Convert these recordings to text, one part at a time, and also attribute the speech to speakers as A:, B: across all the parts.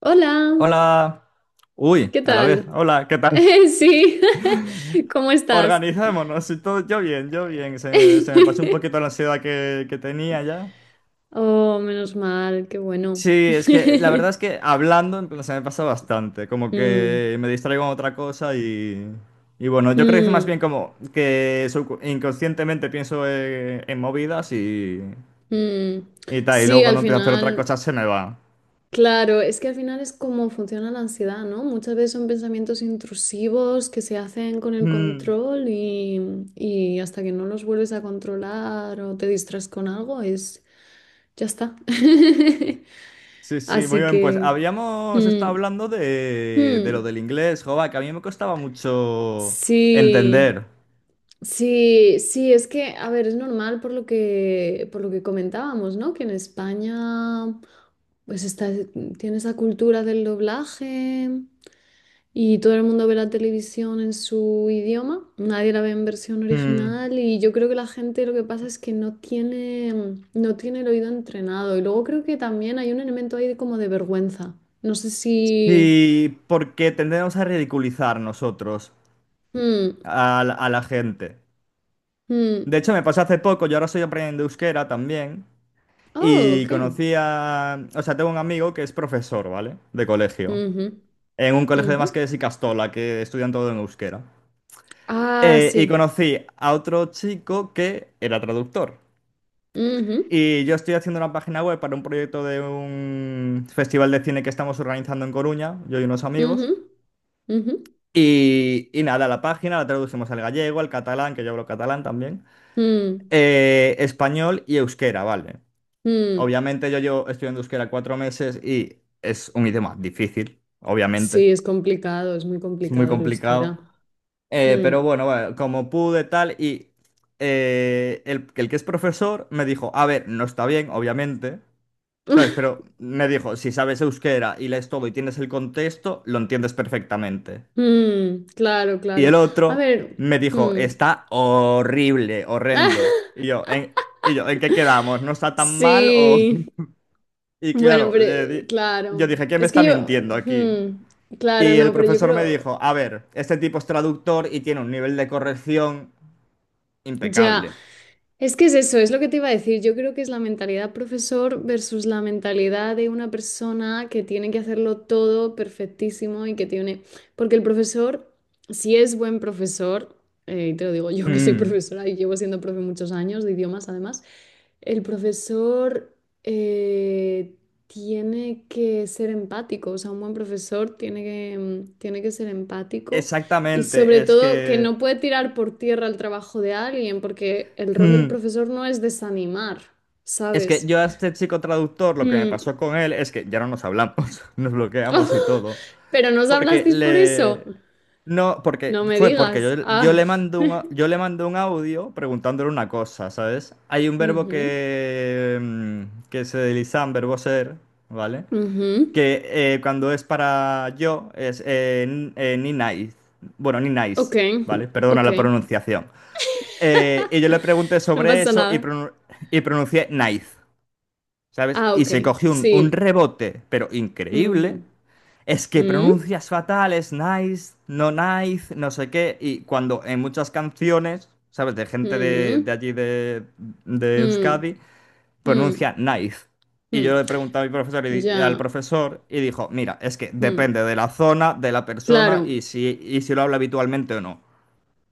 A: Hola,
B: Hola. Uy,
A: ¿qué
B: a la vez.
A: tal?
B: Hola, ¿qué tal?
A: Sí, ¿cómo estás?
B: Organizémonos. Y todo, yo bien, yo bien. Se me pasó un poquito la ansiedad que tenía ya.
A: Oh, menos mal, qué bueno.
B: Sí, es que la verdad es que hablando en plan, se me pasa bastante. Como
A: Mm,
B: que me distraigo en otra cosa y bueno, yo creo que es más
A: mm,
B: bien como que inconscientemente pienso en movidas
A: mm.
B: y tal. Y luego
A: Sí, al
B: cuando empiezo a hacer otra
A: final,
B: cosa se me va.
A: claro, es que al final es como funciona la ansiedad, ¿no? Muchas veces son pensamientos intrusivos que se hacen con el
B: Mm.
A: control y hasta que no los vuelves a controlar o te distraes con algo, es, ya está.
B: Sí, sí, muy
A: Así
B: bien. Pues
A: que...
B: habíamos estado
A: mm,
B: hablando de lo
A: mm.
B: del inglés, joba, que a mí me costaba mucho
A: Sí,
B: entender.
A: sí, sí, es que, a ver, es normal por lo que comentábamos, ¿no? Que en España, pues está, tiene esa cultura del doblaje y todo el mundo ve la televisión en su idioma, nadie la ve en versión
B: Mm.
A: original y yo creo que la gente lo que pasa es que no tiene el oído entrenado y luego creo que también hay un elemento ahí de como de vergüenza. No sé si...
B: Y porque tendemos a ridiculizar nosotros
A: mm,
B: a la gente.
A: mm.
B: De hecho, me pasó hace poco, yo ahora estoy aprendiendo euskera también,
A: Oh,
B: y
A: ok.
B: conocí a... O sea, tengo un amigo que es profesor, ¿vale? De colegio.
A: Ujú,
B: En un colegio de
A: ujú.
B: Masquedes y Castola, que estudian todo en euskera.
A: Ah,
B: Y
A: sí.
B: conocí a otro chico que era traductor.
A: Ujú,
B: Y yo estoy haciendo una página web para un proyecto de un festival de cine que estamos organizando en Coruña, yo y unos
A: ujú,
B: amigos.
A: ujú.
B: Y nada, la página la traducimos al gallego, al catalán, que yo hablo catalán también,
A: Mm,
B: español y euskera, ¿vale?
A: mm.
B: Obviamente yo llevo estudiando euskera 4 meses y es un idioma difícil,
A: Sí,
B: obviamente,
A: es complicado, es muy
B: es muy
A: complicado el
B: complicado.
A: euskera. Mm.
B: Pero bueno, como pude tal y el que es profesor me dijo, a ver, no está bien, obviamente. ¿Sabes? Pero me dijo, si sabes euskera y lees todo y tienes el contexto, lo entiendes perfectamente.
A: Mm, claro,
B: Y el
A: claro. A
B: otro
A: ver.
B: me dijo,
A: Mm.
B: está horrible, horrendo. Y yo, ¿en qué quedamos? ¿No está tan mal o...?
A: Sí.
B: Y
A: Bueno,
B: claro,
A: pero
B: yo
A: claro.
B: dije, ¿quién me
A: Es
B: está
A: que yo.
B: mintiendo aquí?
A: Mm. Claro,
B: Y
A: no,
B: el
A: pero yo
B: profesor me
A: creo.
B: dijo, a ver, este tipo es traductor y tiene un nivel de corrección
A: Ya,
B: impecable.
A: es que es eso, es lo que te iba a decir. Yo creo que es la mentalidad profesor versus la mentalidad de una persona que tiene que hacerlo todo perfectísimo y que tiene... Porque el profesor, si es buen profesor, y te lo digo yo que soy
B: Mm.
A: profesora y llevo siendo profe muchos años de idiomas además, el profesor eh, tiene que ser empático, o sea, un buen profesor tiene que ser empático y sobre
B: Exactamente, es
A: todo que
B: que...
A: no puede tirar por tierra el trabajo de alguien, porque el rol del
B: Mm.
A: profesor no es desanimar,
B: Es que
A: ¿sabes?
B: yo a este chico traductor lo que me
A: Hmm.
B: pasó con él es que ya no nos hablamos, nos bloqueamos y todo.
A: ¿Pero no os
B: Porque
A: hablasteis por eso?
B: le... No, porque
A: No me
B: fue porque
A: digas.
B: yo
A: Ah.
B: le mando un, yo le mando un audio preguntándole una cosa, ¿sabes? Hay un verbo
A: Ujú,
B: que, que se desliza en verbo ser, ¿vale?
A: ujú.
B: Que cuando es para yo es ni nice. Bueno, ni nice,
A: Ok,
B: ¿vale? Perdona
A: ok.
B: la pronunciación. Y yo le pregunté
A: No
B: sobre
A: pasa
B: eso y,
A: nada.
B: y pronuncié nice. ¿Sabes?
A: Ah,
B: Y se
A: ok.
B: cogió un
A: Sí.
B: rebote, pero increíble.
A: Ujú.
B: Es que
A: Mm,
B: pronuncias fatal, es nice, no sé qué. Y cuando en muchas canciones, ¿sabes? De gente de
A: mm,
B: allí de
A: mm,
B: Euskadi,
A: mm,
B: pronuncia nice. Y
A: mm.
B: yo le pregunté a mi profesor y al
A: Ya.
B: profesor y dijo, mira, es que
A: Mm.
B: depende de la zona, de la persona
A: Claro.
B: y si lo habla habitualmente o no.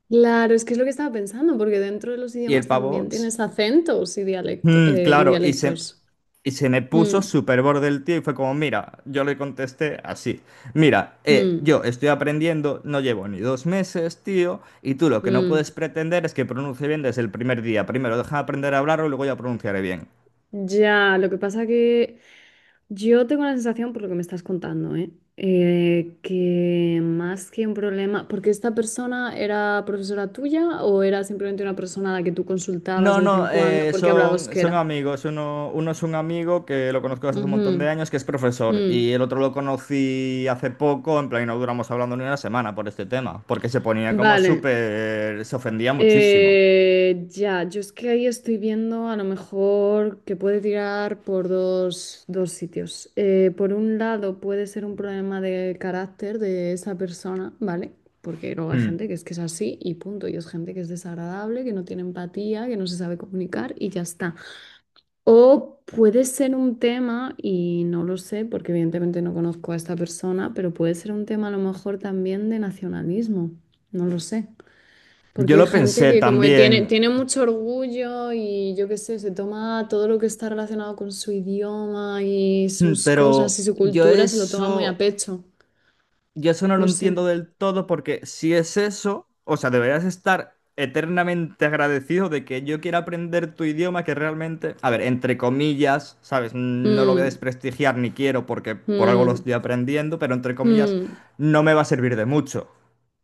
A: Claro, es que es lo que estaba pensando, porque dentro de los
B: Y el
A: idiomas también
B: pavo, s-
A: tienes acentos y, dialecto-
B: "Mm,
A: y
B: claro, y se,
A: dialectos.
B: Y se me
A: Mm,
B: puso súper borde el tío y fue como, mira, yo le contesté así, mira,
A: mm,
B: yo estoy aprendiendo, no llevo ni 2 meses, tío, y tú lo que no puedes
A: mm.
B: pretender es que pronuncie bien desde el primer día. Primero deja de aprender a hablarlo y luego ya pronunciaré bien.
A: Ya, lo que pasa que yo tengo la sensación, por lo que me estás contando, ¿eh? Que más que un problema, porque esta persona era profesora tuya o era simplemente una persona a la que tú consultabas
B: No,
A: de vez en
B: no,
A: cuando porque hablaba
B: son
A: euskera.
B: amigos. Uno es un amigo que lo conozco desde hace un montón
A: Ujú,
B: de años, que es profesor, y
A: mm.
B: el otro lo conocí hace poco, en plan, y no duramos hablando ni una semana por este tema, porque se ponía como
A: Vale.
B: súper, se ofendía muchísimo.
A: Ya, yo es que ahí estoy viendo a lo mejor que puede tirar por dos sitios. Por un lado puede ser un problema de carácter de esa persona, ¿vale? Porque luego hay
B: Hmm.
A: gente que es así y punto, y es gente que es desagradable, que no tiene empatía, que no se sabe comunicar y ya está. O puede ser un tema, y no lo sé porque evidentemente no conozco a esta persona, pero puede ser un tema a lo mejor también de nacionalismo, no lo sé.
B: Yo
A: Porque hay
B: lo
A: gente
B: pensé
A: que como que
B: también,
A: tiene mucho orgullo y yo qué sé, se toma todo lo que está relacionado con su idioma y sus cosas y
B: pero
A: su cultura, se lo toma muy a pecho.
B: yo eso no lo
A: No sé.
B: entiendo del todo porque si es eso, o sea, deberías estar eternamente agradecido de que yo quiera aprender tu idioma que realmente, a ver, entre comillas, ¿sabes? No lo voy a
A: Mm,
B: desprestigiar ni quiero porque por algo lo
A: mm,
B: estoy aprendiendo, pero entre comillas
A: mm,
B: no me va a servir de mucho,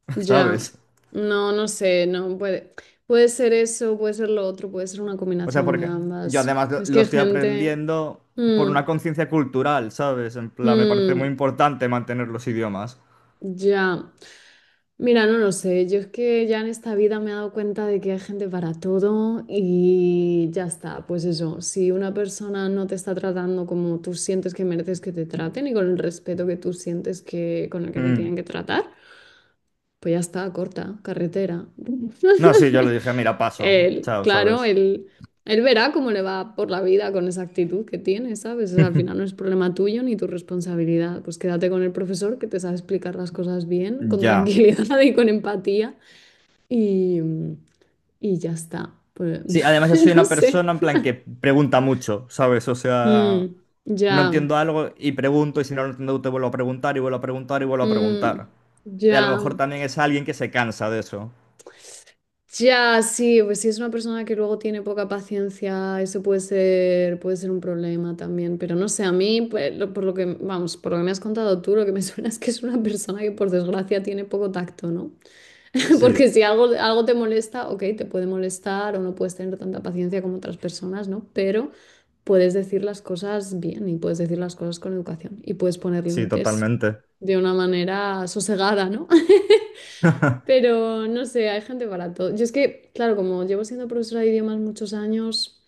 A: ya.
B: ¿sabes?
A: No, no sé, no puede. Puede ser eso, puede ser lo otro, puede ser una
B: O sea,
A: combinación de
B: porque yo
A: ambas.
B: además lo
A: Es que
B: lo
A: hay
B: estoy
A: gente.
B: aprendiendo por
A: Mm,
B: una conciencia cultural, ¿sabes? En plan, me parece muy
A: mm,
B: importante mantener los idiomas.
A: ya. Mira, no lo sé. Yo es que ya en esta vida me he dado cuenta de que hay gente para todo y ya está. Pues eso, si una persona no te está tratando como tú sientes que mereces que te traten y con el respeto que tú sientes que con el que te tienen
B: Mm.
A: que tratar, pues ya está, corta, carretera.
B: No, sí, yo le dije, mira, paso.
A: Él,
B: Chao,
A: claro,
B: ¿sabes?
A: él verá cómo le va por la vida con esa actitud que tiene, ¿sabes? O sea, al final no es problema tuyo ni tu responsabilidad. Pues quédate con el profesor que te sabe explicar las cosas bien, con
B: Ya.
A: tranquilidad y con empatía y, y ya está. Pues,
B: Sí, además yo soy
A: no
B: una
A: sé.
B: persona en plan que pregunta mucho, ¿sabes? O sea,
A: Mm,
B: no
A: ya,
B: entiendo algo y pregunto y si no lo entiendo te vuelvo a preguntar y vuelvo a preguntar y vuelvo a
A: mm,
B: preguntar. Y a lo
A: ya,
B: mejor también es alguien que se cansa de eso.
A: ya, sí, pues si es una persona que luego tiene poca paciencia, eso puede ser un problema también, pero no sé, a mí, pues, lo- por lo que, vamos, por lo que me has contado tú, lo que me suena es que es una persona que por desgracia tiene poco tacto, ¿no?
B: Sí,
A: Porque si algo, algo te molesta, ok, te puede molestar o no puedes tener tanta paciencia como otras personas, ¿no? Pero puedes decir las cosas bien y puedes decir las cosas con educación y puedes poner
B: sí,
A: límites
B: totalmente.
A: de una manera sosegada, ¿no? Pero no sé, hay gente para todo. Yo es que, claro, como llevo siendo profesora de idiomas muchos años,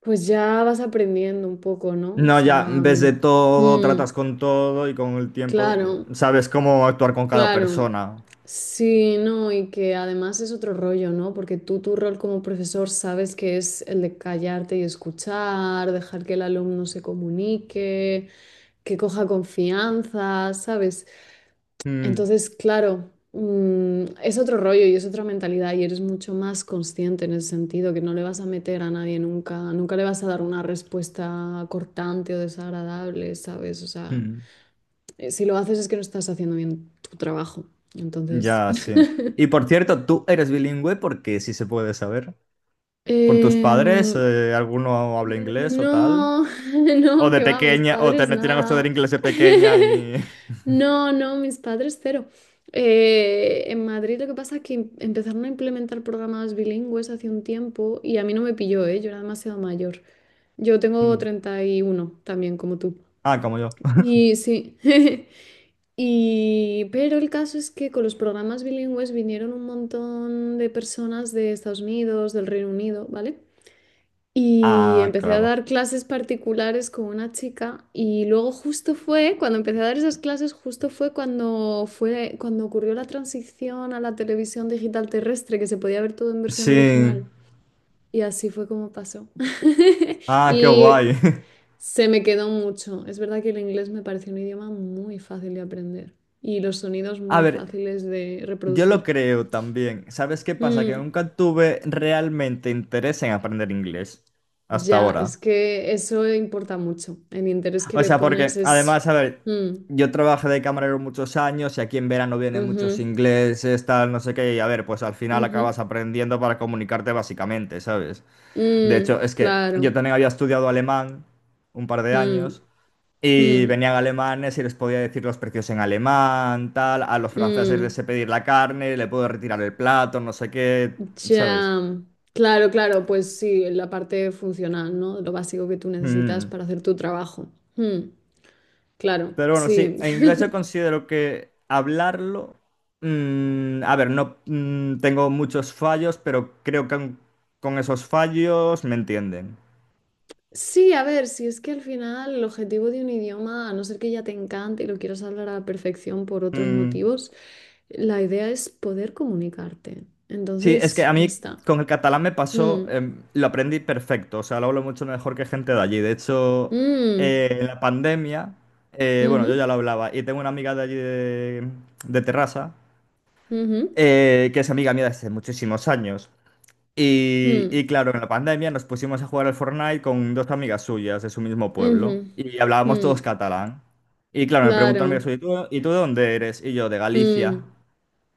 A: pues ya vas aprendiendo un poco, ¿no? O
B: No,
A: sea,
B: ya ves de
A: mm,
B: todo,
A: mm,
B: tratas con todo y con el tiempo
A: claro.
B: sabes cómo actuar con cada
A: Claro,
B: persona.
A: sí, no, y que además es otro rollo, ¿no? Porque tú tu rol como profesor sabes que es el de callarte y escuchar, dejar que el alumno se comunique, que coja confianza, ¿sabes?
B: Mm,
A: Entonces, claro, mm, es otro rollo y es otra mentalidad y eres mucho más consciente en ese sentido, que no le vas a meter a nadie nunca, nunca le vas a dar una respuesta cortante o desagradable, ¿sabes? O sea
B: mm.
A: si lo haces es que no estás haciendo bien tu trabajo. Entonces,
B: Ya, sí. Y por cierto, ¿tú eres bilingüe? Porque si se puede saber. ¿Por tus padres?
A: no,
B: ¿Alguno habla inglés o tal? ¿O
A: no,
B: de
A: que va, mis
B: pequeña? ¿O te
A: padres
B: metieron a estudiar
A: nada.
B: inglés de pequeña y...?
A: No, no, mis padres cero. En Madrid lo que pasa es que empezaron a implementar programas bilingües hace un tiempo y a mí no me pilló, ¿eh? Yo era demasiado mayor. Yo tengo
B: Mm.
A: 31 también, como tú.
B: Ah, como yo.
A: Y sí. Y, pero el caso es que con los programas bilingües vinieron un montón de personas de Estados Unidos, del Reino Unido, ¿vale? Y
B: Ah,
A: empecé a
B: claro.
A: dar clases particulares con una chica y luego justo fue, cuando empecé a dar esas clases, justo fue cuando ocurrió la transición a la televisión digital terrestre, que se podía ver todo en versión
B: Sí.
A: original. Y así fue como pasó.
B: Ah, qué
A: Y
B: guay.
A: se me quedó mucho. Es verdad que el inglés me parece un idioma muy fácil de aprender y los sonidos
B: A
A: muy
B: ver,
A: fáciles de
B: yo lo
A: reproducir.
B: creo también. ¿Sabes qué pasa? Que
A: Mm,
B: nunca tuve realmente interés en aprender inglés hasta
A: ya, es
B: ahora.
A: que eso importa mucho. El interés que
B: O
A: le
B: sea,
A: pones
B: porque
A: es...
B: además, a ver,
A: Mm,
B: yo trabajé de camarero muchos años y aquí en verano vienen muchos
A: ujú,
B: ingleses, tal, no sé qué, y a ver, pues al final
A: ujú,
B: acabas aprendiendo para comunicarte básicamente, ¿sabes? De hecho,
A: mm,
B: es que yo
A: claro.
B: también había estudiado alemán un par de
A: Mm,
B: años y
A: mm,
B: venían alemanes y les podía decir los precios en alemán, tal, a los franceses les
A: mm,
B: sé pedir la carne, le puedo retirar el plato, no sé qué, ¿sabes?
A: ya. Claro, claro, pues sí, la parte funcional, ¿no? Lo básico que tú necesitas
B: Mm.
A: para hacer tu trabajo. Mm, claro,
B: Pero bueno, sí,
A: sí.
B: en inglés yo considero que hablarlo, a ver, no mm, tengo muchos fallos, pero creo que aun con esos fallos me entienden.
A: Sí, a ver, si es que al final el objetivo de un idioma, a no ser que ya te encante y lo quieras hablar a la perfección por otros
B: Mm,
A: motivos, la idea es poder comunicarte.
B: sí, es que
A: Entonces,
B: a
A: ya
B: mí
A: está.
B: con el catalán me pasó,
A: Mm,
B: lo aprendí perfecto, o sea, lo hablo mucho mejor que gente de allí. De hecho,
A: mm,
B: en la pandemia, bueno, yo
A: ujú,
B: ya lo hablaba y tengo una amiga de allí de Terrassa,
A: ujú,
B: que es amiga mía desde muchísimos años.
A: mm,
B: Y claro, en la pandemia nos pusimos a jugar al Fortnite con dos amigas suyas de su mismo pueblo
A: ujú,
B: y hablábamos todos
A: mm,
B: catalán. Y claro, me preguntó una amiga
A: claro.
B: suya, ¿y tú de dónde eres? Y yo, de Galicia.
A: Mm,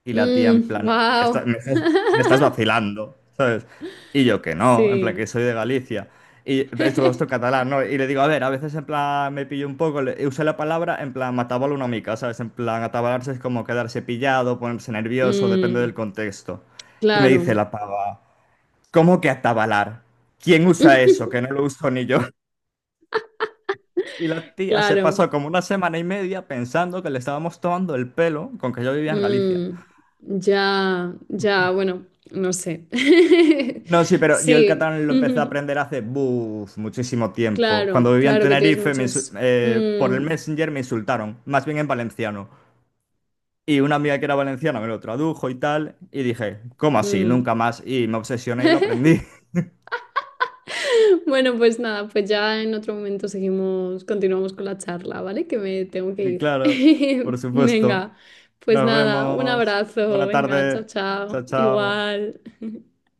B: Y la tía en
A: mm,
B: plan, no,
A: wow.
B: me estás vacilando, ¿sabes? Y yo que no, en plan que
A: Sí.
B: soy de Galicia. Y es todo esto en catalán, ¿no? Y le digo, a ver, a veces en plan me pillo un poco, usé la palabra en plan matabalo una mica, ¿sabes? En plan atabalarse es como quedarse pillado, ponerse nervioso, depende del
A: Mm,
B: contexto. Y me dice
A: claro.
B: la pava. ¿Cómo que atabalar? ¿Quién usa eso? Que no lo uso ni yo. Y la tía se pasó
A: Claro.
B: como una semana y media pensando que le estábamos tomando el pelo con que yo vivía en Galicia.
A: Mm, ya, ya, bueno, no sé.
B: No, sí, pero yo el
A: Sí,
B: catalán lo empecé a aprender hace buf, muchísimo tiempo. Cuando
A: claro,
B: vivía en
A: claro que tienes
B: Tenerife,
A: muchos.
B: por el
A: Mm,
B: Messenger me insultaron, más bien en valenciano. Y una amiga que era valenciana me lo tradujo y tal, y dije, ¿cómo así?
A: mm.
B: Nunca más. Y me obsesioné y lo aprendí.
A: Bueno, pues nada, pues ya en otro momento seguimos, continuamos con la charla, ¿vale? Que me tengo que
B: Y
A: ir.
B: claro, por supuesto.
A: Venga, pues
B: Nos
A: nada, un
B: vemos.
A: abrazo,
B: Buena
A: venga, chao,
B: tarde.
A: chao,
B: Chao, chao.
A: igual.